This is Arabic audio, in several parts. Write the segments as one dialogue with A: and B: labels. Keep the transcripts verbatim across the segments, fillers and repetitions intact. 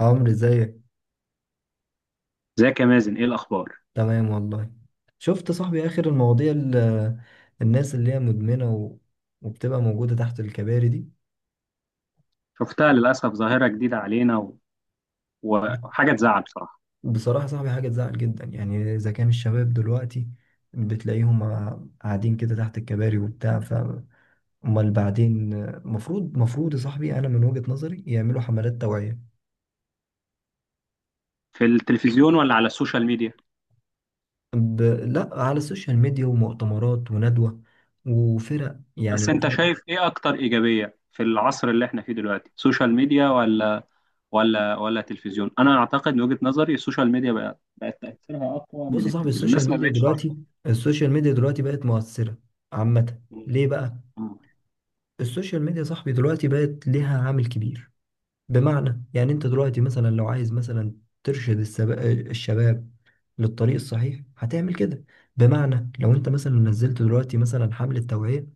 A: عمرو، ازيك؟
B: ازيك يا مازن، ايه الاخبار؟
A: تمام والله. شفت صاحبي اخر المواضيع ال- الناس اللي هي مدمنة و... وبتبقى موجودة تحت الكباري دي.
B: شفتها للاسف، ظاهره جديده علينا و... وحاجه تزعل بصراحه.
A: بصراحة صاحبي حاجة تزعل جدا، يعني اذا كان الشباب دلوقتي بتلاقيهم قاع- قاعدين كده تحت الكباري وبتاع، ف امال بعدين؟ مفروض مفروض يا صاحبي، انا من وجهة نظري يعملوا حملات توعية.
B: في التلفزيون ولا على السوشيال ميديا؟
A: ب... لا، على السوشيال ميديا ومؤتمرات وندوة وفرق يعني.
B: بس انت شايف ايه اكتر ايجابيه في العصر اللي احنا فيه دلوقتي، سوشيال ميديا ولا ولا ولا تلفزيون؟ انا اعتقد من وجهه نظري السوشيال ميديا بقت بقت تاثيرها اقوى
A: بص
B: من
A: يا صاحبي،
B: التلفزيون،
A: السوشيال
B: الناس ما
A: ميديا
B: بقتش تعرف.
A: دلوقتي السوشيال ميديا دلوقتي بقت مؤثرة عامة. ليه بقى؟
B: مم.
A: السوشيال ميديا يا صاحبي دلوقتي بقت ليها عامل كبير، بمعنى يعني انت دلوقتي مثلا لو عايز مثلا ترشد السب... الشباب للطريق الصحيح هتعمل كده. بمعنى لو انت مثلا نزلت دلوقتي مثلا حملة توعية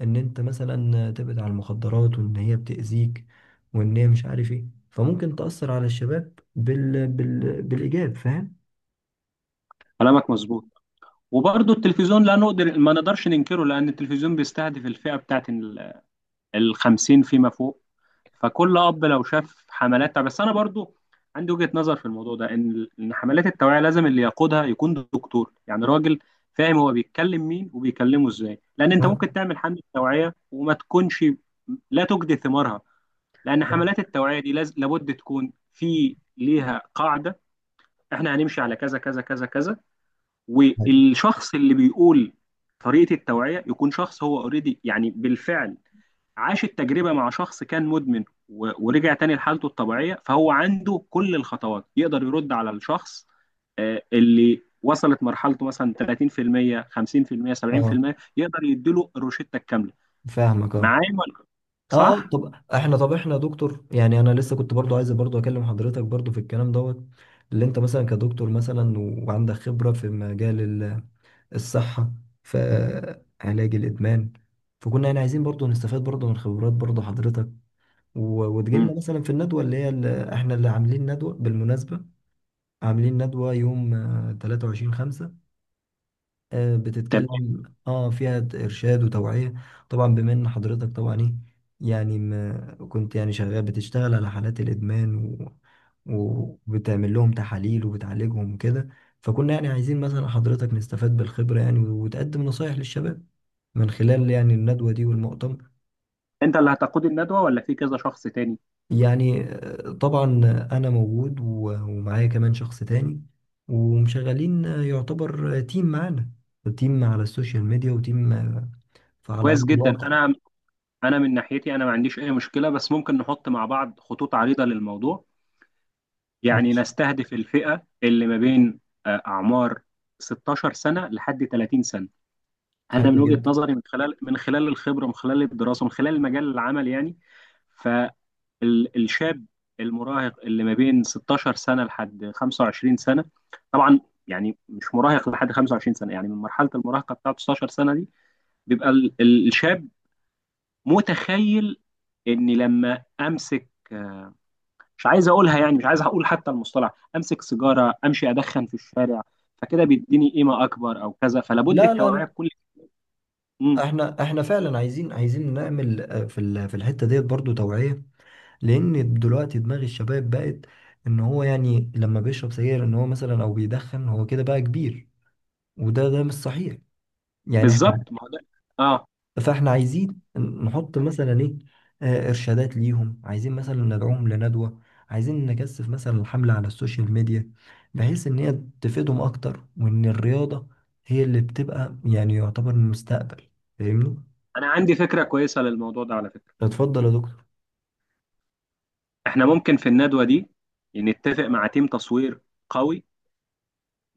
A: ان انت مثلا تبعد عن المخدرات، وان هي بتأذيك، وان هي مش عارف ايه، فممكن تأثر على الشباب بال... بال... بالإيجاب. فاهم؟
B: كلامك مظبوط، وبرضه التلفزيون لا نقدر ما نقدرش ننكره، لان التلفزيون بيستهدف الفئه بتاعت الخمسين فيما فوق، فكل اب لو شاف حملات. بس انا برضو عندي وجهة نظر في الموضوع ده، ان ان حملات التوعية لازم اللي يقودها يكون دكتور، يعني راجل فاهم هو بيتكلم مين وبيكلمه ازاي، لان انت ممكن تعمل حملة توعية وما تكونش لا تجدي ثمارها، لان
A: اه.
B: حملات التوعية دي لاز- لابد تكون في ليها قاعدة. احنا هنمشي على كذا كذا كذا كذا، والشخص اللي بيقول طريقة التوعية يكون شخص هو اوريدي، يعني بالفعل عاش التجربة مع شخص كان مدمن و- ورجع تاني لحالته الطبيعية، فهو عنده كل الخطوات يقدر يرد على الشخص آه، اللي وصلت مرحلته مثلا تلاتين في المية خمسين في المية
A: اه.
B: سبعين في المية، يقدر يديله الروشتة الكاملة.
A: فاهمك، اه.
B: معايا ولا
A: اه، آه،
B: صح؟
A: طب احنا طب احنا يا دكتور، يعني انا لسه كنت برضو عايز برضو اكلم حضرتك برضو في الكلام دوت اللي انت مثلا كدكتور مثلا و- وعندك خبرة في مجال ال- الصحة في علاج الادمان. فكنا يعني عايزين برضو نستفاد برضو من خبرات برضو حضرتك، و-
B: مم.
A: وتجيلنا مثلا في الندوة اللي هي اللي احنا اللي عاملين ندوة بالمناسبة. عاملين ندوة يوم تلاتة وعشرين خمسة، آه،
B: تمام.
A: بتتكلم اه فيها ت- ارشاد وتوعية، طبعا بما ان حضرتك طبعا ايه يعني ما كنت يعني شغال بتشتغل على حالات الادمان، و... وبتعمل لهم تحاليل وبتعالجهم وكده. فكنا يعني عايزين مثلا حضرتك نستفاد بالخبرة يعني، وتقدم نصايح للشباب من خلال يعني الندوة دي والمؤتمر.
B: انت اللي هتقود الندوة ولا في كذا شخص تاني؟
A: يعني آه، طبعا انا موجود و- ومعايا كمان شخص تاني، ومشغلين آه، يعتبر آه، تيم معانا، تيم على السوشيال ميديا وتيم آه، فعلى
B: كويس
A: أرض
B: جدا.
A: الواقع.
B: انا انا من ناحيتي انا ما عنديش اي مشكلة، بس ممكن نحط مع بعض خطوط عريضة للموضوع. يعني
A: ماشي.
B: نستهدف الفئة اللي ما بين آه، أعمار ستاشر سنة لحد تلاتين سنة. أنا
A: حلو
B: من وجهة
A: جدا.
B: نظري، من خلال من خلال الخبرة، من خلال الدراسة، من خلال مجال العمل، يعني فالشاب المراهق اللي ما بين ستاشر سنة لحد خمسة وعشرين سنة، طبعا يعني مش مراهق لحد خمسة وعشرين سنة، يعني من مرحلة المراهقة بتاعت ستاشر سنة دي، بيبقى ال- ال- الشاب متخيل إني لما أمسك آه، مش عايز اقولها يعني، مش عايز اقول حتى المصطلح، امسك سيجاره، امشي ادخن في الشارع، فكده بيديني قيمه اكبر او كذا، فلابد
A: لا، لا،
B: التوعيه
A: لا،
B: بكل. امم
A: احنا احنا فعلا عايزين عايزين نعمل آه، في ال- في الحته ديت برضو توعيه، لان دلوقتي دماغ الشباب بقت ان هو يعني لما بيشرب سجاير ان هو مثلا او بيدخن هو كده بقى كبير، وده ده مش صحيح يعني. احنا
B: بالظبط، ما هو ده. اه،
A: فاحنا عايزين نحط مثلا ايه، آه، ارشادات ليهم، عايزين مثلا ندعوهم لندوة، عايزين نكثف مثلا الحملة على السوشيال ميديا، بحيث ان هي تفيدهم اكتر، وان الرياضة هي اللي بتبقى يعني يعتبر المستقبل. فاهمني؟
B: انا عندي فكره كويسه للموضوع ده على فكره.
A: اتفضل يا دكتور.
B: احنا ممكن في الندوه دي نتفق مع تيم تصوير قوي،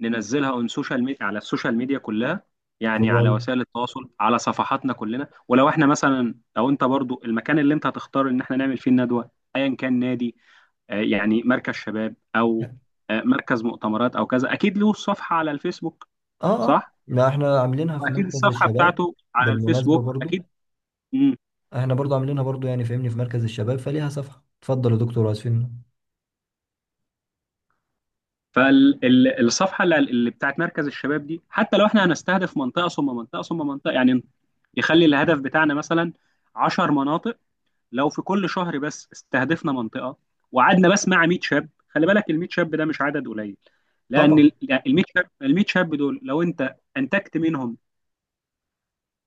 B: ننزلها اون سوشيال ميديا على السوشيال ميديا كلها، يعني
A: حلو
B: على
A: أوي.
B: وسائل التواصل، على صفحاتنا كلنا. ولو احنا مثلا، لو انت برضو المكان اللي انت هتختار ان احنا نعمل فيه الندوه، ايا كان نادي آه، يعني مركز شباب، او آه، مركز مؤتمرات او كذا، اكيد له صفحه على الفيسبوك.
A: اه، اه،
B: صح،
A: لا، احنا عاملينها في
B: واكيد
A: مركز
B: الصفحه
A: الشباب
B: بتاعته على
A: بالمناسبة
B: الفيسبوك
A: برضو.
B: اكيد. امم
A: احنا برضو عاملينها برضو يعني، فاهمني، في مركز الشباب فليها صفحة. اتفضل يا دكتور، اسفين.
B: فالصفحه اللي اللي بتاعت مركز الشباب دي، حتى لو احنا هنستهدف منطقه ثم منطقه ثم منطقه، يعني يخلي الهدف بتاعنا مثلا عشر مناطق. لو في كل شهر بس استهدفنا منطقه، وقعدنا بس مع ميت شاب، خلي بالك ال ميت شاب ده مش عدد قليل. لان
A: طبعا.
B: ال مية شاب ال ميت شاب دول لو انت انتجت منهم،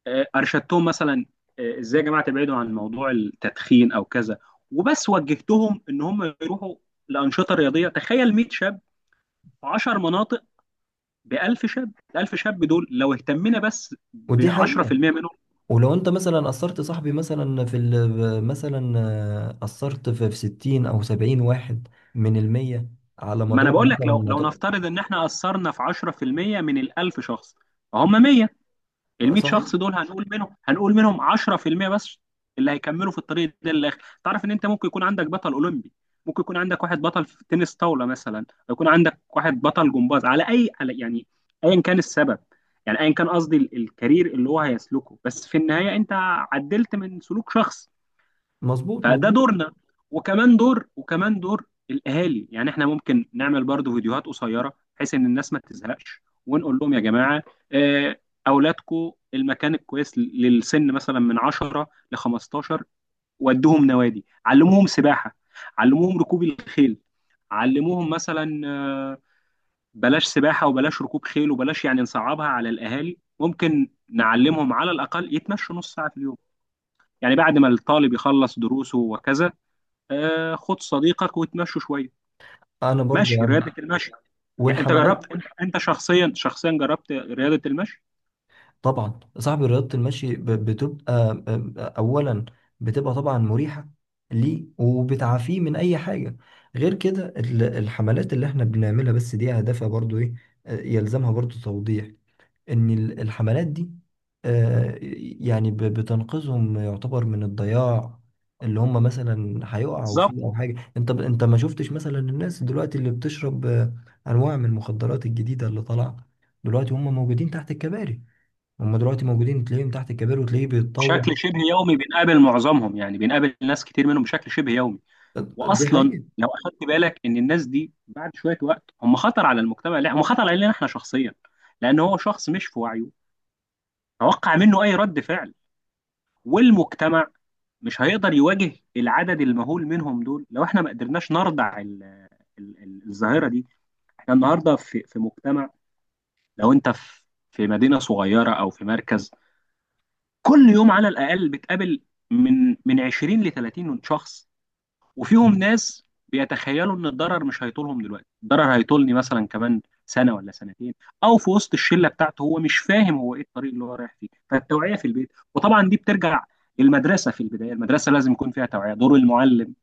B: آه، ارشدتهم مثلا آه، ازاي يا جماعه تبعدوا عن موضوع التدخين او كذا، وبس وجهتهم ان هم يروحوا لانشطه رياضيه، تخيل ميت شاب في عشرة مناطق ب ألف شاب. ال ألف شاب دول لو اهتمينا بس ب
A: ودي حقيقة،
B: عشرة في المية منهم.
A: ولو انت مثلا اثرت صاحبي مثلا في ال... مثلا آه، اثرت في في ستين او سبعين واحد من المية، على
B: ما انا
A: مدار
B: بقول
A: مثلا
B: لك، لو لو
A: مدار.
B: نفترض ان احنا اثرنا في عشرة في المية من ال الف شخص، فهم مية. ال
A: ما-
B: مية
A: صحيح.
B: شخص دول هنقول منهم هنقول منهم عشرة في المية بس اللي هيكملوا في الطريق ده للاخر. تعرف ان انت ممكن يكون عندك بطل اولمبي، ممكن يكون عندك واحد بطل في تنس طاوله، مثلا يكون عندك واحد بطل جمباز، على اي، على يعني، ايا كان السبب، يعني ايا كان قصدي ال- الكارير اللي هو هيسلكه، بس في النهايه انت عدلت من سلوك شخص،
A: مظبوط
B: فده
A: مظبوط
B: دورنا. وكمان دور وكمان دور الاهالي. يعني احنا ممكن نعمل برضو فيديوهات قصيره بحيث ان الناس ما تزهقش، ونقول لهم يا جماعه، آه، اولادكم المكان الكويس للسن مثلا من عشرة ل خمستاشر، ودوهم نوادي، علموهم سباحه، علموهم ركوب الخيل، علموهم مثلا آه، بلاش سباحه وبلاش ركوب خيل، وبلاش يعني نصعبها على الاهالي، ممكن نعلمهم على الاقل يتمشوا نص ساعه في اليوم، يعني بعد ما الطالب يخلص دروسه وكذا، آه خد صديقك وتمشوا شويه.
A: انا برضو
B: مشي،
A: يعني
B: رياضه المشي. يعني انت
A: والحملات،
B: جربت انت انت شخصيا شخصيا جربت رياضه المشي.
A: طبعا صاحبي رياضة المشي ب- بتبقى آه، آه، اولا بتبقى طبعا مريحة ليه، وبتعافيه من اي حاجة. غير كده، ال- الحملات اللي احنا بنعملها بس دي هدفها برضو ايه؟ آه، يلزمها برضو توضيح، ان ال- الحملات دي آه، يعني ب- بتنقذهم يعتبر من الضياع اللي هم مثلا هيقعوا
B: بالظبط،
A: فيه، او حاجه. انت ب- انت ما شفتش مثلا الناس دلوقتي اللي بتشرب آه، انواع من المخدرات الجديده اللي طالعه دلوقتي؟ هم موجودين تحت الكباري، هم دلوقتي موجودين تلاقيهم تحت الكباري وتلاقيه بيتطوع.
B: بشكل شبه يومي بنقابل معظمهم، يعني بنقابل ناس كتير منهم بشكل شبه يومي.
A: دي
B: واصلا
A: حقيقة.
B: لو اخدت بالك ان الناس دي بعد شويه وقت هم خطر على المجتمع، لا هم خطر علينا احنا شخصيا، لان هو شخص مش في وعيه، توقع منه اي رد فعل، والمجتمع مش هيقدر يواجه العدد المهول منهم دول. لو احنا ما قدرناش نردع ال- ال- ال- الظاهره دي، احنا النهارده في في مجتمع، لو انت في في مدينه صغيره او في مركز، كل يوم على الاقل بتقابل من من عشرين ل ثلاثين شخص، وفيهم ناس بيتخيلوا ان الضرر مش هيطولهم دلوقتي، الضرر هيطولني مثلا كمان سنه ولا سنتين، او في وسط الشله بتاعته، هو مش فاهم هو ايه الطريق اللي هو رايح فيه. فالتوعيه في البيت، وطبعا دي بترجع المدرسه، في البدايه المدرسه لازم يكون فيها توعيه، دور المعلم،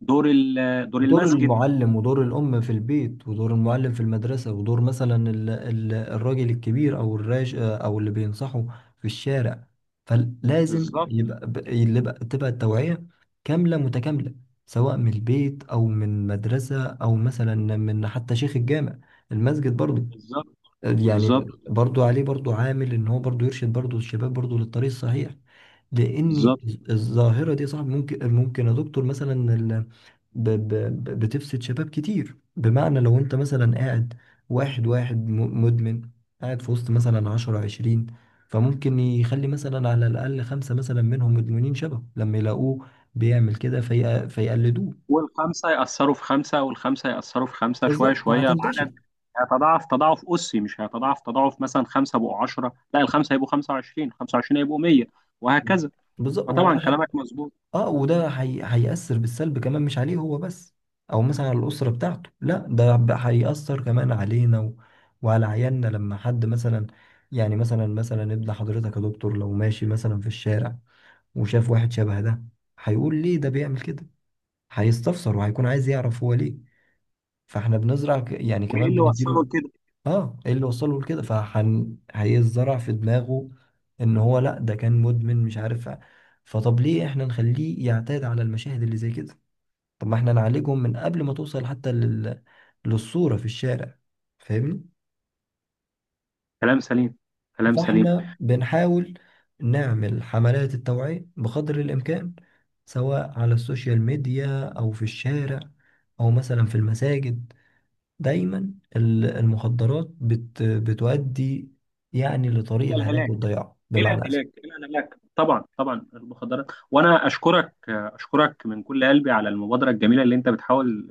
B: دور ال- دور
A: دور
B: المسجد.
A: المعلم، ودور الأم في البيت، ودور المعلم في المدرسة، ودور مثلا ال- ال- الراجل الكبير، أو الراج أو اللي بينصحه في الشارع. فلازم
B: بالظبط،
A: يبقى ب- اللي بقى تبقى التوعية كاملة متكاملة، سواء من البيت، أو من مدرسة، أو مثلا من حتى شيخ الجامع، المسجد برضو،
B: بالظبط، بالظبط،
A: يعني برضو عليه برضو عامل ان هو برضو يرشد برضو الشباب برضو للطريق الصحيح. لان
B: بالظبط.
A: الظاهره دي صعب، ممكن ممكن يا دكتور مثلا ال- ب- ب- ب- بتفسد شباب كتير. بمعنى لو انت مثلا قاعد، واحد واحد م- مدمن قاعد في وسط مثلا عشرة عشرين، فممكن يخلي مثلا على الأقل خمسة مثلا منهم مدمنين شبه، لما يلاقوه بيعمل كده في... فيقلدوه.
B: والخمسة يأثروا في خمسة، والخمسة يأثروا في خمسة، شوية
A: بالظبط
B: شوية
A: فهتنتشر.
B: العدد هيتضاعف تضاعف أسي، مش هيتضاعف تضاعف مثلا خمسة بقوا عشرة، لا الخمسة هيبقوا خمسة وعشرين، خمسة وعشرين هيبقوا مية، وهكذا.
A: بالظبط.
B: فطبعا
A: وده
B: كلامك مظبوط.
A: اه وده هي... هيأثر بالسلب كمان، مش عليه هو بس، او مثلا على الأسرة بتاعته. لا، ده ب- هيأثر كمان علينا و... وعلى عيالنا، لما حد مثلا يعني مثلا مثلا ابن حضرتك يا دكتور لو ماشي مثلا في الشارع وشاف واحد شبه ده، هيقول ليه ده بيعمل كده؟ هيستفسر وهيكون عايز يعرف هو ليه. فاحنا بنزرع ك... يعني
B: وإيه
A: كمان
B: اللي وصله
A: بنديله.
B: لكده؟
A: اه، ايه اللي وصله لكده. فحن هيزرع في دماغه ان هو لا، ده كان مدمن مش عارف. فطب ليه احنا نخليه يعتاد على المشاهد اللي زي كده؟ طب ما احنا نعالجهم من قبل ما توصل حتى لل... للصورة في الشارع. فاهمني؟
B: كلام سليم، كلام سليم.
A: فاحنا بنحاول نعمل حملات التوعية بقدر الامكان، سواء على السوشيال ميديا، او في الشارع، او مثلا في المساجد. دايما ال- المخدرات بت بتؤدي يعني لطريق
B: إلى
A: الهلاك
B: الهلاك،
A: والضياع،
B: إلى
A: بمعنى
B: الهلاك،
A: أسف.
B: إلى الهلاك، طبعا طبعا المخدرات. وأنا أشكرك أشكرك من كل قلبي على المبادرة الجميلة اللي أنت بتحاول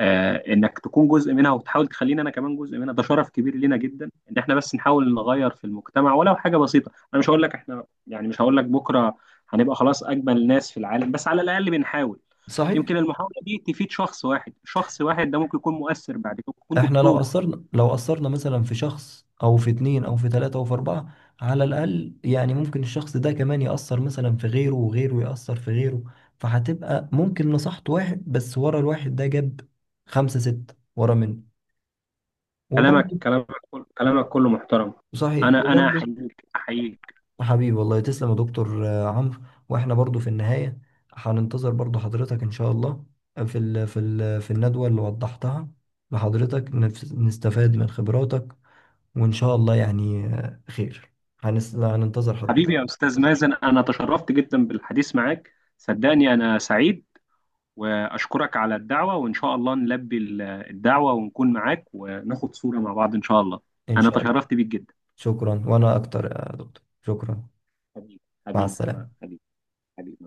B: آه، انك تكون جزء منها، وتحاول تخليني انا كمان جزء منها، ده شرف كبير لينا جدا ان احنا بس نحاول نغير في المجتمع ولو حاجه بسيطه. انا مش هقول لك احنا يعني، مش هقول لك بكره هنبقى خلاص اجمل ناس في العالم، بس على الاقل بنحاول.
A: صحيح.
B: يمكن المحاوله دي تفيد شخص واحد، شخص واحد ده ممكن يكون مؤثر بعد كده، يكون
A: احنا لو
B: دكتور.
A: أثرنا لو أثرنا مثلا في شخص، أو في اتنين، أو في تلاتة، أو في أربعة، على الأقل يعني، ممكن الشخص ده كمان يأثر مثلا في غيره، وغيره يأثر في غيره، فهتبقى ممكن نصحت واحد بس، ورا الواحد ده جاب خمسة ستة ورا منه.
B: كلامك
A: وبرضه
B: كلامك كل- كلامك كله محترم.
A: صحيح.
B: انا انا
A: وبرضه
B: احييك احييك.
A: حبيبي والله، تسلم يا دكتور. آه، عمرو، واحنا برضو في النهاية هننتظر برضو حضرتك ان شاء الله، آه، في ال في ال في الندوة اللي وضحتها لحضرتك، نف- نستفاد من خبراتك، وان شاء الله يعني آه، خير. هنس- هننتظر حضرتك
B: حبيبي يا استاذ مازن، انا تشرفت جدا بالحديث معاك، صدقني انا سعيد، وأشكرك على الدعوة وإن شاء الله نلبي ال- الدعوة، ونكون معاك وناخد صورة مع بعض إن شاء الله.
A: ان
B: أنا
A: شاء الله.
B: تشرفت بيك جدا.
A: شكرا. وانا اكتر يا دكتور. شكرا.
B: حبيبي،
A: مع
B: حبيبي، ما-
A: السلامة.
B: حبيبي، حبيبي.